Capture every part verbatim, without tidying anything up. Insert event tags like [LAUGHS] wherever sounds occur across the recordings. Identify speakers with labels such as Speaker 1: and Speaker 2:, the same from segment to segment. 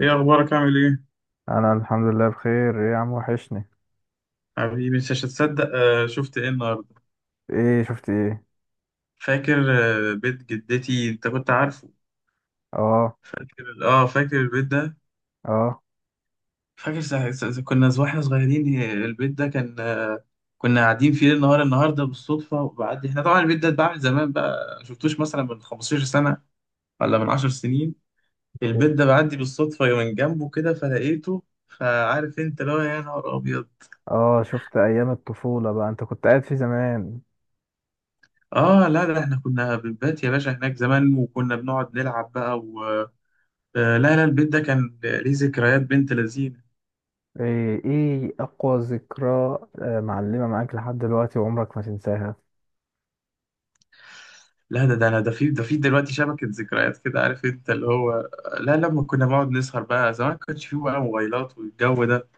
Speaker 1: ايه اخبارك؟ عامل ايه؟
Speaker 2: انا الحمد لله بخير. ايه يا عم، وحشني.
Speaker 1: حبيبي مش هتصدق، آه شفت ايه النهارده؟
Speaker 2: ايه؟ شفت ايه؟
Speaker 1: فاكر آه بيت جدتي؟ انت كنت عارفه.
Speaker 2: اه،
Speaker 1: فاكر؟ اه فاكر البيت ده.
Speaker 2: اه،
Speaker 1: فاكر سا... سا... سا- كنا ز- واحنا صغيرين، آه، البيت ده كان، آه، كنا قاعدين فيه النهار النهارده بالصدفه، وبعدي احنا طبعا البيت ده اتباع من زمان بقى، ما شفتوش مثلا من خمسة عشر سنة سنه ولا من 10 سنين. البيت ده بعدي بالصدفه من جنبه كده فلقيته. فعارف انت اللي هو يا نهار ابيض.
Speaker 2: اه، شفت ايام الطفولة بقى، انت كنت قاعد في زمان؟
Speaker 1: اه، لا لا احنا كنا بنبات يا باشا هناك زمان، وكنا بنقعد نلعب بقى. آه، لا لا البيت ده كان ليه ذكريات بنت لذينه.
Speaker 2: ايه؟ ايه اقوى ذكرى؟ آه، معلمة معاك لحد دلوقتي وعمرك ما تنساها.
Speaker 1: لا، ده ده انا ده في ده في دلوقتي شبكه ذكريات كده، عارف انت اللي هو. لا، لما كنا بنقعد نسهر بقى زمان، ما كانش فيه بقى موبايلات والجو ده،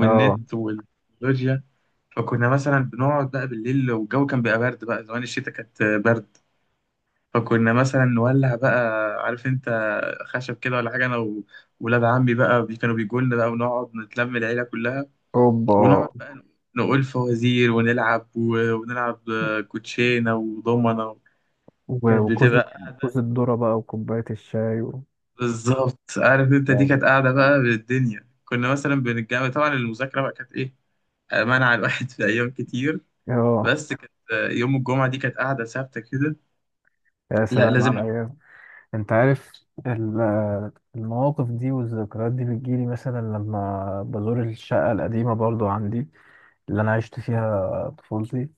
Speaker 2: اه،
Speaker 1: والتكنولوجيا. فكنا مثلا بنقعد بقى بالليل، والجو كان بيبقى برد بقى، زمان الشتاء كانت برد. فكنا مثلا نولع بقى، عارف انت، خشب كده ولا حاجه، انا و- وولاد عمي بقى، بي- كانوا بيجوا لنا بقى، ونقعد نتلم العيله كلها.
Speaker 2: اوبا.
Speaker 1: ونقعد بقى نقول فوازير، ونلعب و- ونلعب كوتشينة وضمنة.
Speaker 2: و-
Speaker 1: كانت
Speaker 2: وكوز،
Speaker 1: بتبقى قاعدة.
Speaker 2: كوز الذرة بقى وكوباية الشاي و...
Speaker 1: بالظبط، عارف انت، دي
Speaker 2: يعني.
Speaker 1: كانت قاعدة بقى بالدنيا. كنا مثلا بنتجمع. طبعا المذاكرة بقى كانت ايه، منع الواحد في أيام كتير،
Speaker 2: اه،
Speaker 1: بس كانت يوم الجمعة دي كانت قاعدة ثابتة كده.
Speaker 2: يا
Speaker 1: لا
Speaker 2: سلام
Speaker 1: لازم
Speaker 2: على
Speaker 1: نقعد.
Speaker 2: الايام. انت عارف، ال- آه، المواقف دي والذكريات دي بتجيلي مثلا لما بزور الشقة القديمة برضو عندي، اللي أنا عشت فيها طفولتي.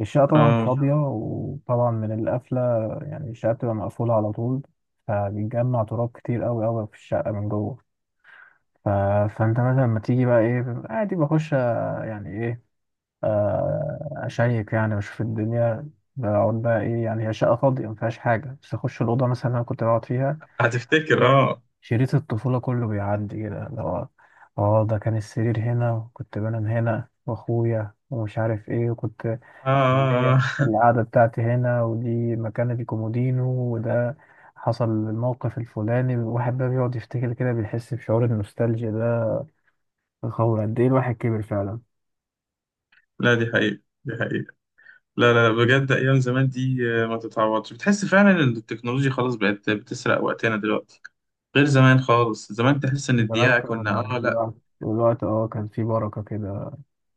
Speaker 2: الشقة طبعا
Speaker 1: اه،
Speaker 2: فاضية وطبعا من القفلة، يعني الشقة بتبقى مقفولة على طول، فبيتجمع تراب كتير أوي أوي في الشقة من جوه. ف... فأنت مثلا لما تيجي بقى إيه، عادي بخش، آه، يعني إيه، آه، أشيك يعني وأشوف الدنيا. بقعد بقى إيه يعني، هي شقة فاضية مفيهاش حاجة، بس أخش الأوضة مثلا اللي أنا كنت بقعد فيها.
Speaker 1: هتفتكر.
Speaker 2: شريط
Speaker 1: اه.
Speaker 2: شريط الطفولة كله بيعدي كده، اللي هو اه ده كان السرير هنا وكنت بنام هنا واخويا ومش عارف ايه، وكنت
Speaker 1: اه,
Speaker 2: اللي
Speaker 1: آه.
Speaker 2: هي
Speaker 1: آه. [LAUGHS]
Speaker 2: القعدة بتاعتي هنا، ودي مكانة الكومودينو، وده حصل الموقف الفلاني. الواحد بقى بيقعد يفتكر كده، بيحس بشعور النوستالجيا ده، هو قد ايه الواحد كبر فعلا.
Speaker 1: لا دي حقيقة، دي حقيقة. لا لا لا، بجد أيام زمان دي، آه، ما تتعوضش. بتحس فعلا إن التكنولوجيا خلاص بقت بتسرق وقتنا دلوقتي، غير زمان خالص. زمان تحس ان
Speaker 2: زمان
Speaker 1: الدقيقة
Speaker 2: كان
Speaker 1: كنا اه لا.
Speaker 2: الوقت الوقت اه كان فيه بركة كده.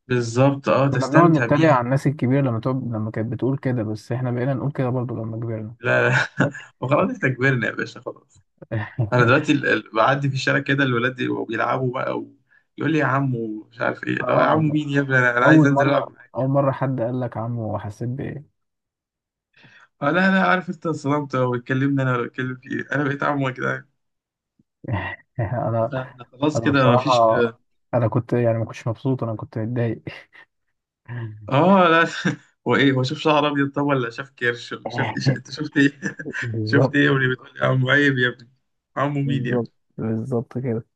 Speaker 1: بالظبط، اه،
Speaker 2: كنا بنقعد
Speaker 1: تستمتع
Speaker 2: نتريق
Speaker 1: بيها.
Speaker 2: على الناس الكبيرة لما تقعد، لما كانت بتقول كده، بس احنا بقينا نقول كده برضو لما كبرنا.
Speaker 1: لا لا [LAUGHS] وخلاص احنا كبرنا يا باشا، خلاص.
Speaker 2: [LAUGHS]
Speaker 1: انا دلوقتي ال- ال- بعدي في الشارع كده، الولاد يبقوا بيلعبوا بقى، ويقول لي يا عمو مش عارف ايه. لا يا
Speaker 2: اه.
Speaker 1: عمو مين يا ابني، انا أنا عايز
Speaker 2: اول
Speaker 1: انزل
Speaker 2: مره،
Speaker 1: العب معاك.
Speaker 2: اول مره حد قال لك عمو حسيت بايه؟
Speaker 1: آه، لا لا عارف انت، انصدمت. هو اتكلمنا انا ولا اتكلم فيه؟ انا بقيت عمو يا جدعان؟
Speaker 2: [LAUGHS] انا،
Speaker 1: لا، احنا خلاص
Speaker 2: انا
Speaker 1: كده مفيش.
Speaker 2: بصراحه، انا كنت يعني ما كنتش مبسوط، انا كنت متضايق. [LAUGHS]
Speaker 1: اه لا [LAUGHS] هو ايه، هو شاف شعر ابيض؟ طب ولا شاف كرش؟ ولا شاف ايه؟ [LAUGHS] انت شفت ايه؟ [LAUGHS] شفت
Speaker 2: بالظبط،
Speaker 1: ايه يا ابني بتقول لي يا عمو؟ عيب يا ابني، عمو مين يا ابني؟
Speaker 2: بالظبط، بالظبط كده.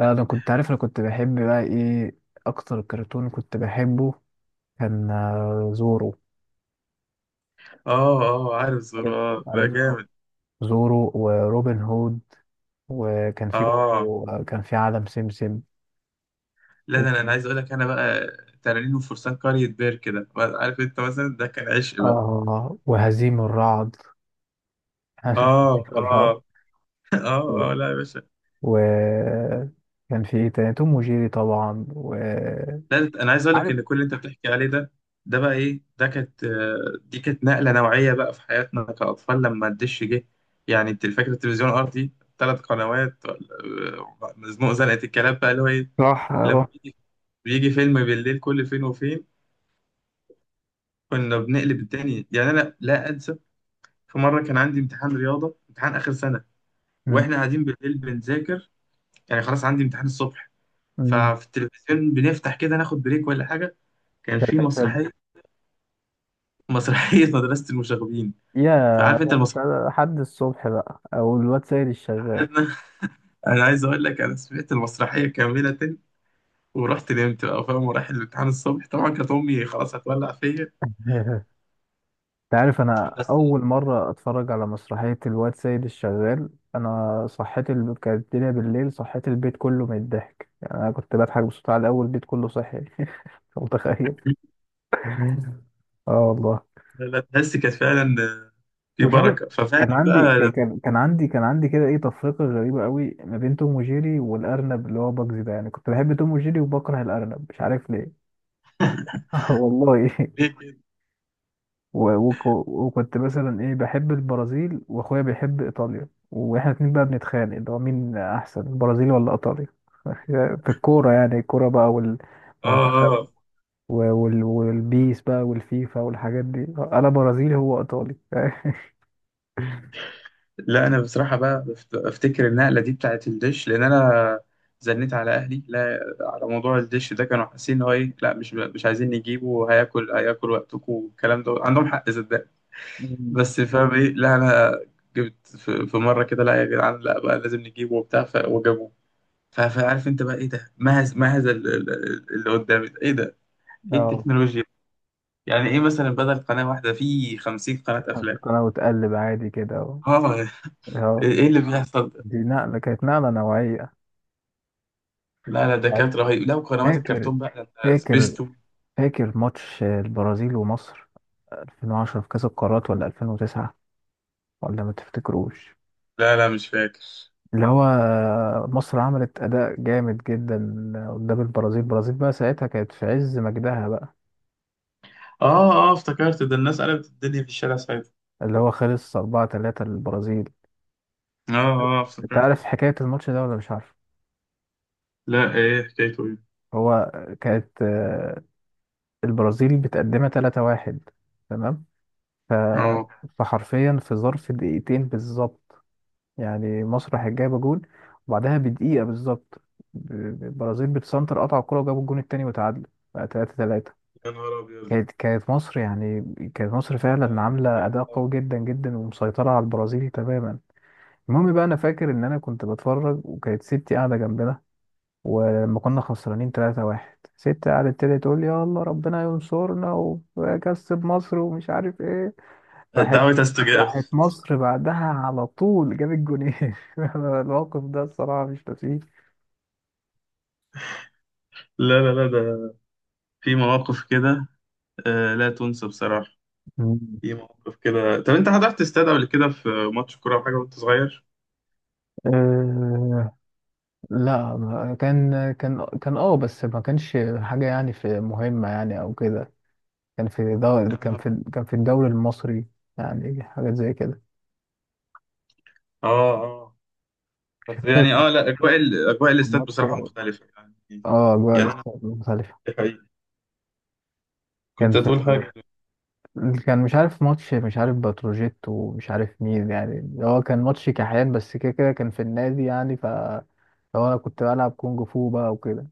Speaker 2: انا كنت عارف، انا كنت بحب بقى ايه، اكتر كرتون كنت بحبه كان آه، زورو.
Speaker 1: اه اه، عارف
Speaker 2: عارف،
Speaker 1: زرار ده
Speaker 2: عارف زورو.
Speaker 1: جامد.
Speaker 2: زورو وروبن هود، وكان في
Speaker 1: اه،
Speaker 2: برضه آه، كان في عالم سمسم،
Speaker 1: لا ده انا أنا
Speaker 2: وكان-
Speaker 1: عايز اقول لك انا بقى، تنانين وفرسان قرية بير كده، عارف انت، مثلا ده كان عشق بقى.
Speaker 2: اه وهزيم الرعد. [LAUGHS] عارف هزيم
Speaker 1: اه
Speaker 2: الرعد.
Speaker 1: اه [LAUGHS] اه اه، لا يا باشا.
Speaker 2: وكان في ايه تاني، توم وجيري طبعا، وعارف.
Speaker 1: لا ده انا عايز اقول لك ان كل اللي انت بتحكي عليه ده، ده بقى ايه، ده كانت، آه، دي كانت نقلة نوعية بقى في حياتنا كأطفال، لما الدش جه. يعني انت فاكر التلفزيون الارضي؟ ثلاث قنوات ولا- آه، مزنوق زنقة الكلاب بقى، اللي هو ايه،
Speaker 2: راح، راح.
Speaker 1: لما بيجي بيجي فيلم بالليل كل فين وفين، كنا بنقلب الدنيا. يعني انا لا انسى، في مره كان عندي امتحان رياضه، امتحان اخر سنه،
Speaker 2: مم.
Speaker 1: واحنا قاعدين بالليل بنذاكر. يعني خلاص عندي امتحان الصبح،
Speaker 2: مم.
Speaker 1: ففي التلفزيون بنفتح كده ناخد بريك ولا حاجه، كان في
Speaker 2: كان-
Speaker 1: مسرحيه، مسرحيه [LAUGHS] مدرسه المشاغبين.
Speaker 2: يا،
Speaker 1: فعارف انت
Speaker 2: ده انت
Speaker 1: المسرحيه
Speaker 2: حد الصبح بقى او الواد سيد الشغال.
Speaker 1: عندنا، انا عايز اقول لك انا سمعت المسرحيه كامله، ورحت نمت بقى فاهم، ورايح الامتحان الصبح، طبعا كانت امي خلاص هتولع فيا.
Speaker 2: [LAUGHS] انت عارف انا
Speaker 1: بس
Speaker 2: اول مره اتفرج على مسرحيه الواد سيد الشغال. انا صحيت، ال... كانت الدنيا بالليل، صحيت البيت كله من الضحك، يعني انا كنت بضحك بصوت عالي، اول البيت كله صحي. [LAUGHS] انت متخيل؟ [LAUGHS] اه والله.
Speaker 1: لا لا، تحس كانت فعلا في
Speaker 2: مش عارف،
Speaker 1: بركه. ففعلا
Speaker 2: كان عندي
Speaker 1: بقى
Speaker 2: ك-
Speaker 1: لما
Speaker 2: كان كان عندي كان عندي كده ايه تفرقة غريبة قوي ما بين توم وجيري والأرنب اللي هو باجز ده، يعني كنت بحب توم وجيري وبكره الأرنب، مش عارف ليه.
Speaker 1: [LAUGHS]
Speaker 2: [LAUGHS] والله.
Speaker 1: ليه كده؟
Speaker 2: و- وك- وكنت مثلا ايه بحب البرازيل واخويا بيحب ايطاليا، واحنا اتنين بقى بنتخانق اللي هو مين احسن، البرازيل ولا ايطاليا. [LAUGHS] في الكورة، يعني الكورة بقى
Speaker 1: اه
Speaker 2: والمنتخب
Speaker 1: آه.
Speaker 2: و- وال- والبيس بقى والفيفا والحاجات دي. انا برازيلي هو ايطالي. [LAUGHS]
Speaker 1: لا انا بصراحه بقى بفت- افتكر النقله دي بتاعت الدش، لان انا زنيت على اهلي لا على موضوع الدش ده. كانوا حاسين ان هو ايه، لا مش مش عايزين نجيبه، وهياكل هياكل وقتكم والكلام ده، عندهم حق صدق،
Speaker 2: مم.
Speaker 1: بس فاهم ايه، لا انا جبت في في مره كده لا يا جدعان لا، بقى لازم نجيبه وبتاع، ف- وجابوه. ف- فعارف انت بقى ايه ده؟ مهز مهز ال- ال- ال- اللي قدامي ده. ايه ده؟ ايه
Speaker 2: اه،
Speaker 1: التكنولوجيا؟ يعني ايه مثلا بدل قناه واحده في خمسين قناة قناه افلام؟
Speaker 2: سكر وتقلب عادي كده اهو.
Speaker 1: اه،
Speaker 2: اه،
Speaker 1: ايه اللي بيحصل.
Speaker 2: دي نقلة، كانت نقلة نوعية.
Speaker 1: لا لا ده كانت رهيب. لا وقنوات
Speaker 2: فاكر،
Speaker 1: الكرتون بقى، لا،
Speaker 2: فاكر،
Speaker 1: سبيستو.
Speaker 2: فاكر ماتش البرازيل ومصر ألفين وعشرة في كأس القارات، ولا ألفين وتسعة، ولا ما تفتكروش؟
Speaker 1: لا لا مش فاكر.
Speaker 2: اللي هو مصر عملت أداء جامد جدا قدام البرازيل. البرازيل بقى ساعتها كانت في عز مجدها بقى.
Speaker 1: اه اه افتكرت، ده الناس قلبت الدنيا في الشارع ساعتها.
Speaker 2: اللي هو خلص أربعة ثلاثة للبرازيل.
Speaker 1: اه اه
Speaker 2: انت عارف
Speaker 1: افتكرت.
Speaker 2: حكاية الماتش ده ولا مش عارف؟
Speaker 1: لا ايه حكايته، ايه؟
Speaker 2: هو كانت، آه، البرازيل بتقدمها ثلاثة واحد. تمام. ف...
Speaker 1: اه،
Speaker 2: فحرفيا في ظرف دقيقتين بالظبط، يعني مسرح جايبه جول، وبعدها بدقيقة بالظبط، ب- ب- البرازيل بتسنتر، قطع الكرة وجابوا الجون التاني وتعادلوا بقى تلاتة تلاتة.
Speaker 1: يا نهار ابيض.
Speaker 2: كانت كانت مصر يعني، كانت مصر فعلا عاملة أداء قوي جدا جدا ومسيطرة على البرازيل تماما. المهم بقى أنا فاكر إن أنا كنت بتفرج، وكانت ستي قاعدة جنبنا، ولما كنا خسرانين تلاتة واحد ستي قعدت تبتدي تقول لي يا الله ربنا ينصرنا ويكسب مصر ومش عارف ايه.
Speaker 1: آه،
Speaker 2: راحت
Speaker 1: دعوة استجابة.
Speaker 2: راحت مصر بعدها على طول جاب الجونين. [LAUGHS] الموقف ده الصراحة مش ناسيه.
Speaker 1: لا لا لا ده في مواقف كده، آه لا تنسى بصراحة.
Speaker 2: مم.
Speaker 1: في مواقف كده. طب انت حضرت استاد قبل كده في ماتش كورة او حاجة وانت صغير؟
Speaker 2: أه لا، ما- كان كان كان اه، بس ما كانش حاجة يعني في مهمة يعني أو كده. كان في دو... كان
Speaker 1: اه
Speaker 2: في كان في الدوري المصري، يعني حاجات زي كده.
Speaker 1: اه آه. بس
Speaker 2: مش فاكر.
Speaker 1: يعني
Speaker 2: كان
Speaker 1: اه لا، اجواء ال- اجواء
Speaker 2: كان
Speaker 1: الاستاد
Speaker 2: ماتش،
Speaker 1: بصراحة مختلفة يعني.
Speaker 2: اه، جوه
Speaker 1: يعني
Speaker 2: الاستاد مختلفة.
Speaker 1: أنا-
Speaker 2: كان
Speaker 1: كنت
Speaker 2: في،
Speaker 1: هتقول حاجة؟
Speaker 2: كان، مش عارف ماتش، مش عارف بتروجيت ومش عارف مين، يعني هو كان ماتش كحيان بس كده، كده كان في النادي يعني. ف لو انا كنت بلعب كونج فو بقى وكده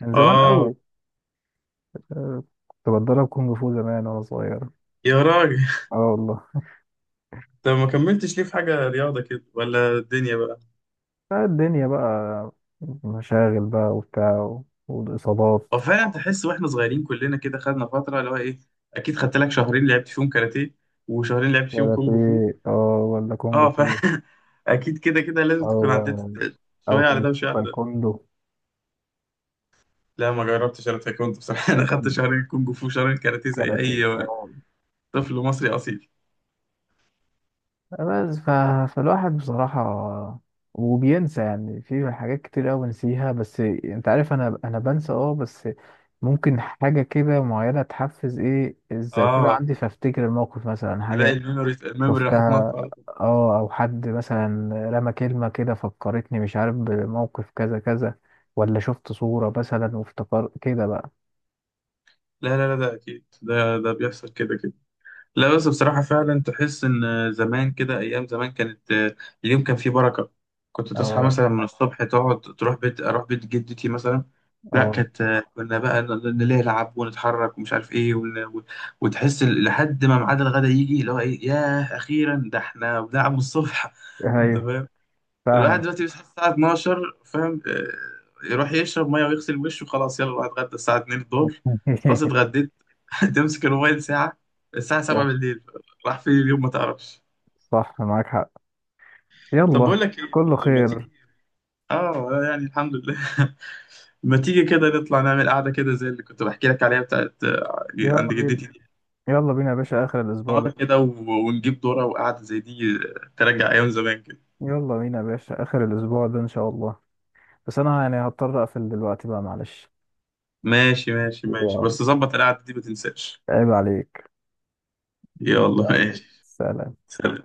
Speaker 2: من زمان
Speaker 1: آه،
Speaker 2: قوي. آه، كنت بتدرب كونج فو زمان وانا صغير.
Speaker 1: يا راجل،
Speaker 2: اه والله.
Speaker 1: طب ما كملتش ليه في حاجة رياضة كده ولا الدنيا بقى؟
Speaker 2: بقى الدنيا بقى، مشاغل بقى وبتاع و- والاصابات.
Speaker 1: هو فعلا تحس واحنا صغيرين كلنا كده خدنا فترة اللي هو إيه. أكيد خدت لك شهرين لعبت فيهم كاراتيه، وشهرين لعبت فيهم
Speaker 2: ولا في
Speaker 1: كونج فو.
Speaker 2: اه، ولا كونج
Speaker 1: آه، ف
Speaker 2: فو،
Speaker 1: [LAUGHS] أكيد كده كده لازم تكون عديت
Speaker 2: او او
Speaker 1: شوية على
Speaker 2: تاي-
Speaker 1: ده وشوية على ده.
Speaker 2: تايكوندو،
Speaker 1: لا ما جربتش أنا تايكوندو بصراحة. [LAUGHS] أنا خدت
Speaker 2: تايكوندو
Speaker 1: شهرين كونج فو، شهرين كاراتيه، زي
Speaker 2: كاراتيه
Speaker 1: أي
Speaker 2: اه.
Speaker 1: طفل مصري أصيل.
Speaker 2: بس ف... فالواحد بصراحة، وبينسى يعني، في حاجات كتير أوي بنسيها، بس أنت عارف أنا أنا بنسى أه، بس ممكن حاجة كده معينة تحفز إيه الذاكرة
Speaker 1: آه،
Speaker 2: عندي فأفتكر الموقف مثلا.
Speaker 1: تلاقي
Speaker 2: حاجة
Speaker 1: الميموري الميموري راح
Speaker 2: شفتها،
Speaker 1: تنط على طول.
Speaker 2: أه، أو حد مثلا رمى كلمة كده فكرتني مش عارف بموقف كذا كذا، ولا شفت صورة مثلا وافتكر كده بقى.
Speaker 1: لا لا لا ده أكيد، ده ده بيحصل كده كده. لا بس بصراحة فعلا تحس إن زمان كده، أيام زمان كانت، آه، اليوم كان فيه بركة. كنت تصحى
Speaker 2: أه،
Speaker 1: مثلا من الصبح، تقعد تروح بيت، أروح بيت جدتي مثلا. لا
Speaker 2: أه،
Speaker 1: كانت، آه، كنا بقى ن- ن- نلعب ونتحرك ومش عارف إيه ون... و- وتحس ال- لحد ما ميعاد الغدا يجي، اللي هو إيه، ياه أخيرا، ده إحنا بنلعب من الصبح.
Speaker 2: أيوه،
Speaker 1: [LAUGHS] الواحد
Speaker 2: فاهمك.
Speaker 1: دلوقتي بيصحى الساعة اثنا عشر فاهم، آه، يروح يشرب مية ويغسل وشه، خلاص يلا بقى اتغدى الساعة اتنين الظهر. خلاص
Speaker 2: [LAUGHS]
Speaker 1: اتغديت. [LAUGHS] تمسك الموبايل ساعة، الساعة سابعة
Speaker 2: صح،
Speaker 1: بالليل. راح فين اليوم ما تعرفش.
Speaker 2: صح معاك حق.
Speaker 1: طب
Speaker 2: يلا،
Speaker 1: بقول لك ايه،
Speaker 2: كله
Speaker 1: ما
Speaker 2: خير.
Speaker 1: تيجي. اه يعني الحمد لله. [LAUGHS] ما تيجي كده نطلع نعمل قعدة كده، زي اللي كنت بحكي لك عليها بتاعت، آه،
Speaker 2: يلا
Speaker 1: عند
Speaker 2: بينا.
Speaker 1: جدتي دي.
Speaker 2: يلا بينا يا باشا آخر الأسبوع
Speaker 1: نار
Speaker 2: ده.
Speaker 1: كده و- ونجيب دورة وقعدة زي دي، آه، ترجع أيام زمان كده.
Speaker 2: يلا بينا يا باشا آخر الأسبوع ده إن شاء الله. بس أنا يعني هضطر أقفل دلوقتي بقى، معلش.
Speaker 1: ماشي ماشي ماشي،
Speaker 2: يلا،
Speaker 1: بس ظبط القعدة دي ما تنساش.
Speaker 2: عيب عليك.
Speaker 1: يلا
Speaker 2: يلا،
Speaker 1: ماشي،
Speaker 2: سلام.
Speaker 1: سلام.